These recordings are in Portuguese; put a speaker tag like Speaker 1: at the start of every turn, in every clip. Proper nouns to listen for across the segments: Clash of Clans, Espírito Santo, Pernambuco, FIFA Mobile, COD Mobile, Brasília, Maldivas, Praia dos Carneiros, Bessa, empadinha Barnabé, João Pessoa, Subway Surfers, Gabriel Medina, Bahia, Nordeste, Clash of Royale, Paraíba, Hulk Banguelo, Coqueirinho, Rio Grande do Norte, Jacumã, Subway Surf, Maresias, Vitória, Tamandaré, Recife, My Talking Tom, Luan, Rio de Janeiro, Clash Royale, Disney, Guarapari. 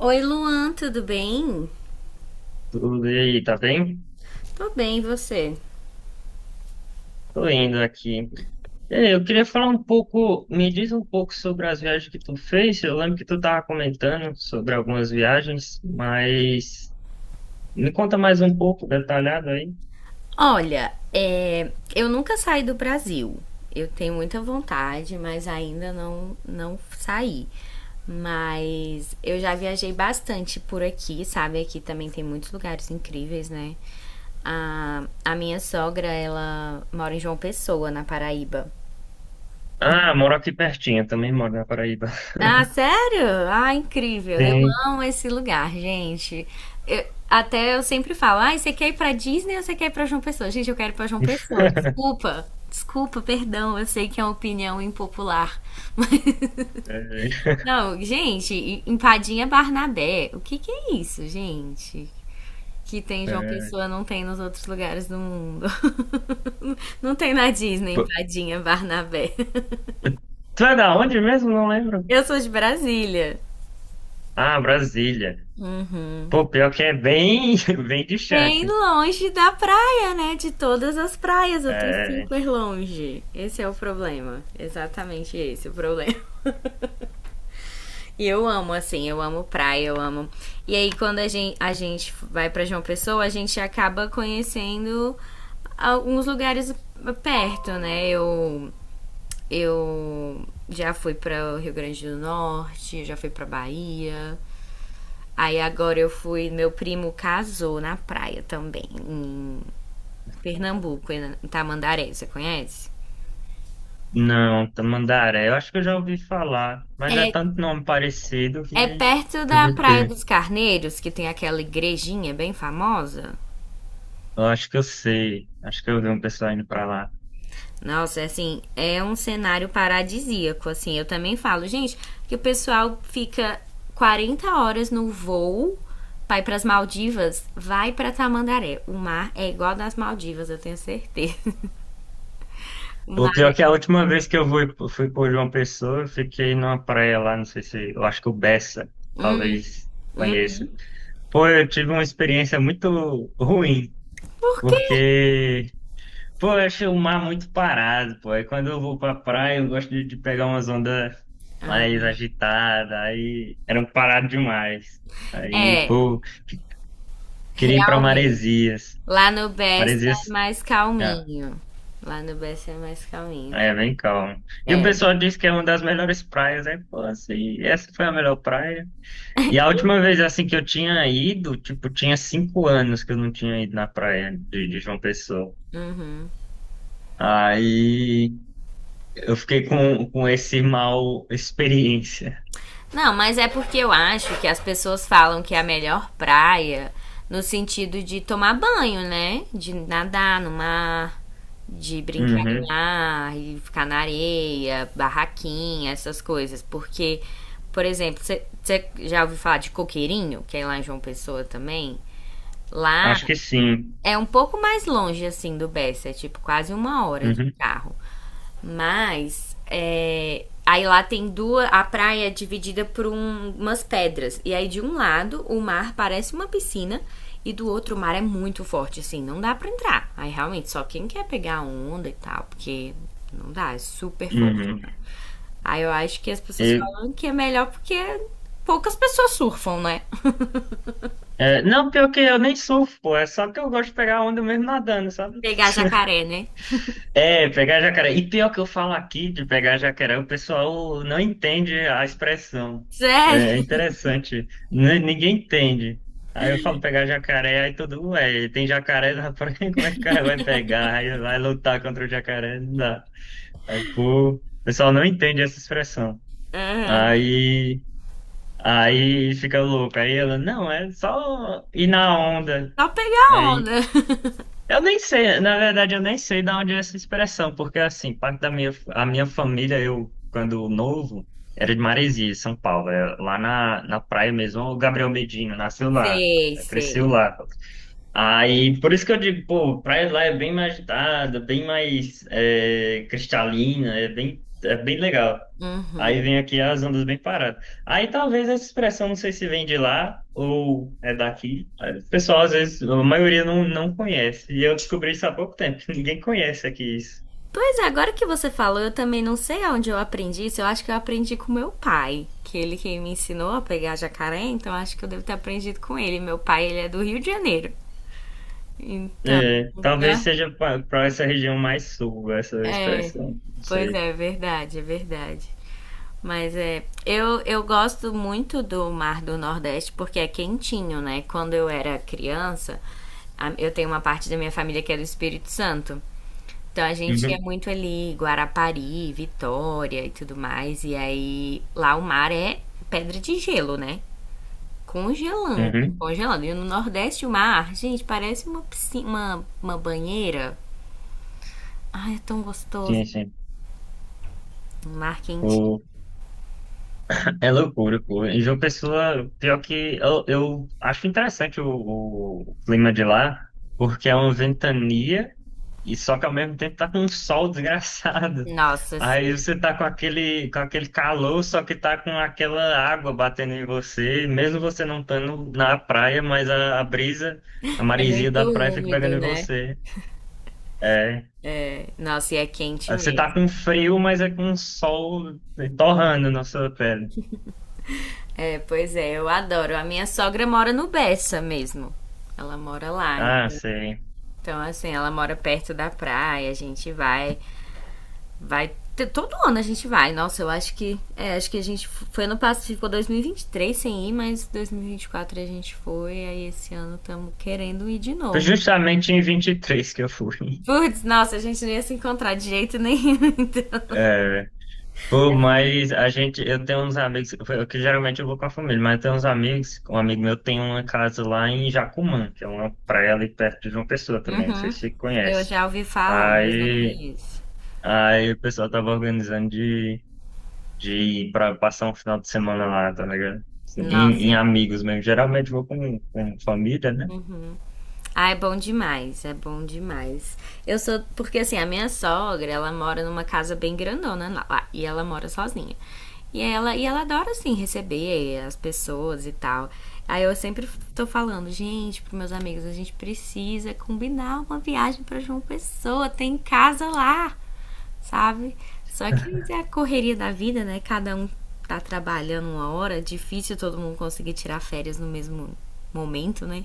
Speaker 1: Oi, Luan, tudo bem?
Speaker 2: Tudo e aí, tá bem?
Speaker 1: Tô bem, e você?
Speaker 2: Tô indo aqui. E aí, eu queria falar um pouco, me diz um pouco sobre as viagens que tu fez. Eu lembro que tu tava comentando sobre algumas viagens, mas me conta mais um pouco, detalhado aí.
Speaker 1: Olha, eu nunca saí do Brasil. Eu tenho muita vontade, mas ainda não saí. Mas eu já viajei bastante por aqui, sabe? Aqui também tem muitos lugares incríveis, né? A minha sogra, ela mora em João Pessoa, na Paraíba.
Speaker 2: Ah, moro aqui pertinho, também moro na Paraíba.
Speaker 1: Ah, sério? Ah, incrível. Eu
Speaker 2: Sim.
Speaker 1: amo esse lugar, gente. Até eu sempre falo, ah, você quer ir pra Disney ou você quer ir pra João Pessoa? Gente, eu quero ir pra João Pessoa. Desculpa, desculpa, perdão, eu sei que é uma opinião impopular.
Speaker 2: É,
Speaker 1: Não, gente, empadinha Barnabé. O que que é isso, gente? Que tem em João
Speaker 2: é.
Speaker 1: Pessoa, não tem nos outros lugares do mundo. Não tem na Disney,
Speaker 2: Pô,
Speaker 1: empadinha Barnabé.
Speaker 2: tu é da onde mesmo? Não lembro.
Speaker 1: Eu sou de Brasília.
Speaker 2: Ah, Brasília.
Speaker 1: Uhum.
Speaker 2: Pô, pior que é bem, bem
Speaker 1: Bem
Speaker 2: distante.
Speaker 1: longe da praia, né? De todas as praias, eu tô
Speaker 2: É.
Speaker 1: super longe. Esse é o problema. Exatamente esse é o problema. E eu amo, assim, eu amo praia, eu amo. E aí, quando a gente vai pra João Pessoa, a gente acaba conhecendo alguns lugares perto, né? Eu já fui para Rio Grande do Norte, já fui para Bahia. Aí agora eu fui, meu primo casou na praia também, em Pernambuco, em Tamandaré, você conhece?
Speaker 2: Não, Tamandaré. Eu acho que eu já ouvi falar, mas é
Speaker 1: É,
Speaker 2: tanto nome parecido que
Speaker 1: é perto
Speaker 2: eu
Speaker 1: da
Speaker 2: me
Speaker 1: Praia
Speaker 2: perco.
Speaker 1: dos Carneiros, que tem aquela igrejinha bem famosa.
Speaker 2: Eu acho que eu sei. Acho que eu vi um pessoal indo pra lá.
Speaker 1: Nossa, é assim, é um cenário paradisíaco, assim. Eu também falo, gente, que o pessoal fica 40 horas no voo, vai para as Maldivas, vai para Tamandaré. O mar é igual das Maldivas, eu tenho certeza. O
Speaker 2: O
Speaker 1: mar
Speaker 2: pior é
Speaker 1: é...
Speaker 2: que a última vez que eu fui, fui por João Pessoa, eu fiquei numa praia lá, não sei se. Eu acho que o Bessa talvez conheça. Pô, eu tive uma experiência muito ruim,
Speaker 1: Por quê?
Speaker 2: porque pô, eu acho o mar muito parado, pô. Aí quando eu vou pra praia, eu gosto de pegar umas ondas
Speaker 1: Ah,
Speaker 2: mais agitadas, aí era um parado demais. Aí,
Speaker 1: é,
Speaker 2: pô, queria ir pra
Speaker 1: realmente.
Speaker 2: Maresias.
Speaker 1: Lá no Best é
Speaker 2: Maresias,
Speaker 1: mais
Speaker 2: é,
Speaker 1: calminho. Lá no Best é mais calminho.
Speaker 2: é bem calmo. E o
Speaker 1: É.
Speaker 2: pessoal diz que é uma das melhores praias, aí, pô, assim, essa foi a melhor praia. E a última vez, assim, que eu tinha ido, tipo, tinha 5 anos que eu não tinha ido na praia de João Pessoa. Aí eu fiquei com esse mal experiência.
Speaker 1: Não, mas é porque eu acho que as pessoas falam que é a melhor praia no sentido de tomar banho, né? De nadar no mar, de brincar no
Speaker 2: Uhum.
Speaker 1: mar, e ficar na areia, barraquinha, essas coisas. Porque, por exemplo, você já ouviu falar de Coqueirinho, que é lá em João Pessoa também? Lá
Speaker 2: Acho que sim.
Speaker 1: é um pouco mais longe, assim, do Bessa, é tipo quase uma hora de
Speaker 2: Uhum.
Speaker 1: carro. Mas é, aí lá tem duas. A praia é dividida por umas pedras. E aí de um lado o mar parece uma piscina. E do outro o mar é muito forte, assim, não dá pra entrar. Aí realmente, só quem quer pegar onda e tal, porque não dá, é super forte.
Speaker 2: Uhum.
Speaker 1: Né? Aí eu acho que as pessoas
Speaker 2: eu
Speaker 1: falam que é melhor porque poucas pessoas surfam, né?
Speaker 2: É, não, pior que eu nem surfo, pô. É só que eu gosto de pegar onda mesmo nadando, sabe?
Speaker 1: Pegar jacaré, né?
Speaker 2: É, pegar jacaré. E pior que eu falo aqui de pegar jacaré, o pessoal não entende a expressão.
Speaker 1: Sério?
Speaker 2: É interessante. Ninguém entende. Aí eu falo pegar jacaré, aí todo mundo, ué, tem jacaré na praia, como é que o cara vai pegar? Aí vai lutar contra o jacaré, não dá. Aí, pô, o pessoal não entende essa expressão. Aí. Aí fica louco. Aí ela, não, é só ir na onda.
Speaker 1: Só pegar
Speaker 2: Aí,
Speaker 1: onda.
Speaker 2: eu nem sei, na verdade, eu nem sei de onde é essa expressão, porque assim, parte da minha, a minha família, eu, quando novo, era de Maresia, São Paulo, é lá na praia mesmo. O Gabriel Medina nasceu lá,
Speaker 1: Sei,
Speaker 2: é, cresceu
Speaker 1: sei.
Speaker 2: lá. Aí, por isso que eu digo, pô, praia lá é bem mais agitada, bem mais é, cristalina, é bem legal. Aí vem
Speaker 1: Uhum.
Speaker 2: aqui as ondas bem paradas. Aí talvez essa expressão, não sei se vem de lá ou é daqui. O pessoal, às vezes, a maioria não conhece. E eu descobri isso há pouco tempo. Ninguém conhece aqui isso.
Speaker 1: Pois é, agora que você falou, eu também não sei onde eu aprendi isso. Eu acho que eu aprendi com meu pai, que ele que me ensinou a pegar jacaré, então acho que eu devo ter aprendido com ele. Meu pai, ele é do Rio de Janeiro. Então,
Speaker 2: É, talvez seja para essa região mais sul, essa
Speaker 1: é,
Speaker 2: expressão. Não
Speaker 1: pois
Speaker 2: sei.
Speaker 1: é, é verdade, é verdade. Mas é, eu gosto muito do mar do Nordeste porque é quentinho, né? Quando eu era criança, eu tenho uma parte da minha família que é do Espírito Santo. Então a gente ia
Speaker 2: Uhum,
Speaker 1: muito ali, Guarapari, Vitória e tudo mais. E aí lá o mar é pedra de gelo, né? Congelando,
Speaker 2: uhum.
Speaker 1: congelando. E no Nordeste o mar, gente, parece uma piscina, uma banheira. Ai, é tão gostoso.
Speaker 2: Sim, sim.
Speaker 1: Um mar.
Speaker 2: É loucura, pô. Em João Pessoa, pior que eu acho interessante o clima de lá, porque é uma ventania e só que ao mesmo tempo tá com um sol desgraçado.
Speaker 1: Nossa,
Speaker 2: Aí
Speaker 1: sim.
Speaker 2: você tá com aquele calor, só que tá com aquela água batendo em você, mesmo você não estando na praia, mas a brisa, a
Speaker 1: É
Speaker 2: maresia
Speaker 1: muito
Speaker 2: da praia fica
Speaker 1: úmido,
Speaker 2: pegando em
Speaker 1: né?
Speaker 2: você. É.
Speaker 1: Nossa, e é quente
Speaker 2: Aí você tá
Speaker 1: mesmo.
Speaker 2: com frio, mas é com sol é, torrando na sua pele.
Speaker 1: É, pois é, eu adoro. A minha sogra mora no Bessa mesmo. Ela mora lá.
Speaker 2: Ah, sei.
Speaker 1: Então, assim, ela mora perto da praia, a gente vai, vai todo ano a gente vai. Nossa, eu acho que, é, acho que a gente foi ano passado, ficou 2023 sem ir, mas 2024 a gente foi, aí esse ano estamos querendo ir de
Speaker 2: Foi
Speaker 1: novo.
Speaker 2: justamente em 23 que eu fui.
Speaker 1: Putz, nossa, a gente não ia se encontrar de jeito nenhum. Então.
Speaker 2: Pô, mas a gente, eu tenho uns amigos, eu, que geralmente eu vou com a família, mas eu tenho uns amigos, um amigo meu tem uma casa lá em Jacumã, que é uma praia ali perto de João Pessoa também, não sei
Speaker 1: Uhum.
Speaker 2: se você
Speaker 1: Eu
Speaker 2: conhece.
Speaker 1: já ouvi falar, mas não
Speaker 2: Aí,
Speaker 1: conheço.
Speaker 2: aí, o pessoal tava organizando de ir pra passar um final de semana lá, tá ligado? Assim, em
Speaker 1: Nossa.
Speaker 2: amigos mesmo, geralmente vou com família, né?
Speaker 1: Uhum. Ah, é bom demais, é bom demais. Eu sou. Porque assim, a minha sogra, ela mora numa casa bem grandona lá, e ela mora sozinha. E ela adora, assim, receber as pessoas e tal. Aí eu sempre tô falando, gente, pros meus amigos, a gente precisa combinar uma viagem pra João Pessoa, tem casa lá, sabe? Só que é a correria da vida, né? Cada um tá trabalhando uma hora, difícil todo mundo conseguir tirar férias no mesmo momento, né?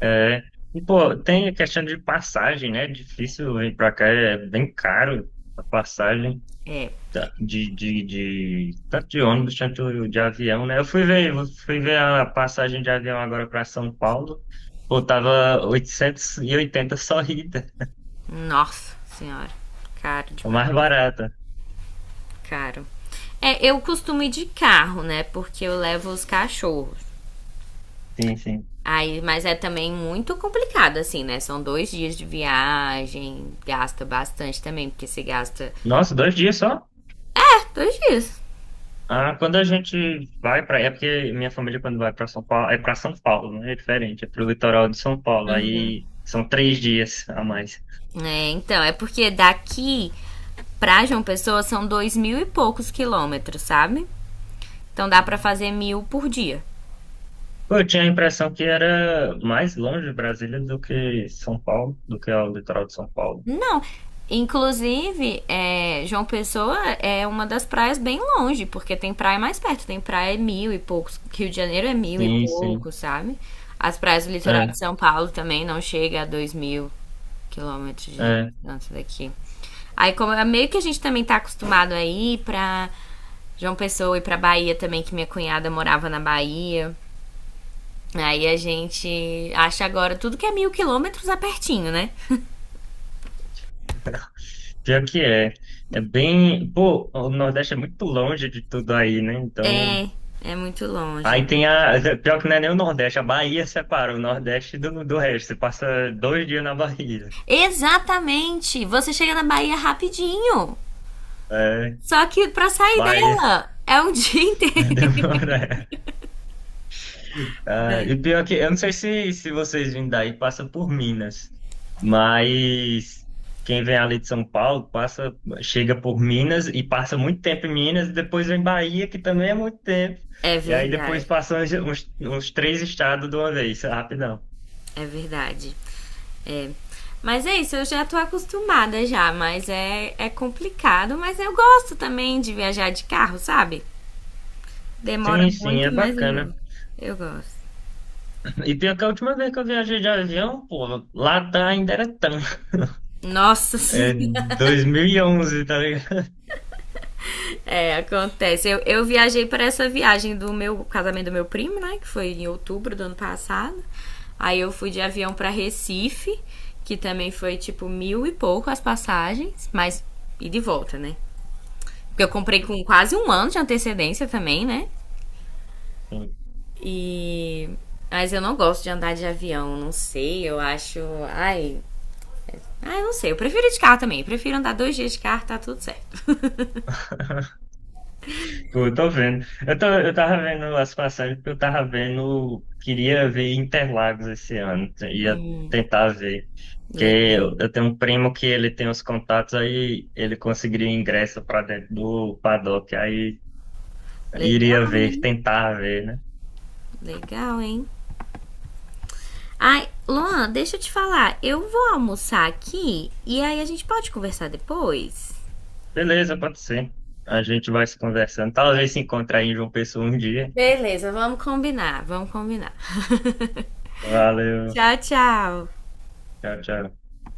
Speaker 2: É, e pô, tem a questão de passagem, né? É difícil ir pra cá, é bem caro a passagem.
Speaker 1: É.
Speaker 2: Tá, de tanto de ônibus quanto de avião, né? Eu fui ver a passagem de avião agora para São Paulo, pô, tava 880 só ida,
Speaker 1: Nossa senhora, caro
Speaker 2: a mais
Speaker 1: demais,
Speaker 2: barata.
Speaker 1: caro. É, eu costumo ir de carro, né? Porque eu levo os cachorros.
Speaker 2: Sim, sim.
Speaker 1: Aí, mas é também muito complicado, assim, né? São dois dias de viagem, gasta bastante também, porque você gasta
Speaker 2: Nossa, 2 dias só?
Speaker 1: é, dois dias.
Speaker 2: Ah, quando a gente vai para, é porque minha família quando vai para São Paulo, é para São Paulo, né? É diferente, é pro litoral de São Paulo, aí são 3 dias a mais.
Speaker 1: É, então, é porque daqui pra João Pessoa são dois mil e poucos quilômetros, sabe? Então dá pra
Speaker 2: Hum.
Speaker 1: fazer 1000 por dia.
Speaker 2: Pô, eu tinha a impressão que era mais longe Brasília do que São Paulo, do que o litoral de São Paulo.
Speaker 1: Não. Inclusive, é, João Pessoa é uma das praias bem longe, porque tem praia mais perto, tem praia é mil e poucos, Rio de Janeiro é mil e
Speaker 2: Sim, sim.
Speaker 1: poucos, sabe? As praias do litoral
Speaker 2: É,
Speaker 1: de São Paulo também não chega a 2000 quilômetros de
Speaker 2: é.
Speaker 1: distância daqui. Aí, como é meio que a gente também tá acostumado a ir pra João Pessoa e pra Bahia também, que minha cunhada morava na Bahia. Aí a gente acha agora tudo que é 1000 quilômetros é pertinho, né?
Speaker 2: Pior que é. É bem. Pô, o Nordeste é muito longe de tudo aí, né? Então.
Speaker 1: É, é muito longe.
Speaker 2: Aí tem a. Pior que não é nem o Nordeste, a Bahia separa o Nordeste do resto. Você passa 2 dias na Bahia.
Speaker 1: Exatamente! Você chega na Bahia rapidinho.
Speaker 2: É,
Speaker 1: Só que pra sair
Speaker 2: Bahia.
Speaker 1: dela é um dia inteiro.
Speaker 2: Demora. Ah, e pior que, eu não sei se vocês vindo daí, passa por Minas, mas quem vem ali de São Paulo passa, chega por Minas e passa muito tempo em Minas, e depois vem Bahia, que também é muito tempo,
Speaker 1: É
Speaker 2: e aí depois
Speaker 1: verdade,
Speaker 2: passa uns três estados de uma vez, rapidão.
Speaker 1: é verdade. É. Mas é isso, eu já tô acostumada já, mas é, é complicado, mas eu gosto também de viajar de carro, sabe? Demora
Speaker 2: Sim, sim,
Speaker 1: muito,
Speaker 2: é bacana.
Speaker 1: eu gosto.
Speaker 2: E pior que a última vez que eu viajei de avião, pô, lá tá ainda era tão.
Speaker 1: Nossa, sim.
Speaker 2: É 2011, tá ligado?
Speaker 1: É, acontece. Eu viajei para essa viagem do meu casamento do meu primo, né? Que foi em outubro do ano passado. Aí eu fui de avião para Recife, que também foi tipo mil e pouco as passagens, mas e de volta, né? Porque eu comprei com quase um ano de antecedência também, né?
Speaker 2: Uhum.
Speaker 1: E. Mas eu não gosto de andar de avião, não sei, eu acho. Ai. Ai, não sei. Eu prefiro de carro também. Eu prefiro andar dois dias de carro, tá tudo certo.
Speaker 2: Pô, eu tô vendo. Eu, tô, eu tava vendo as passagens porque eu tava vendo. Queria ver Interlagos esse ano. Ia
Speaker 1: Hum,
Speaker 2: tentar ver. Porque
Speaker 1: legal.
Speaker 2: eu tenho um primo que ele tem os contatos, aí ele conseguiria ingresso pra dentro do paddock. Aí
Speaker 1: Legal,
Speaker 2: iria ver, tentar ver, né?
Speaker 1: legal, hein? Ai, Luan, deixa eu te falar. Eu vou almoçar aqui e aí a gente pode conversar depois? Beleza.
Speaker 2: Beleza, pode ser. A gente vai se conversando. Talvez se encontre aí em João Pessoa um dia.
Speaker 1: Beleza, vamos combinar, vamos combinar.
Speaker 2: Valeu.
Speaker 1: Tchau, tchau.
Speaker 2: Tchau, tchau.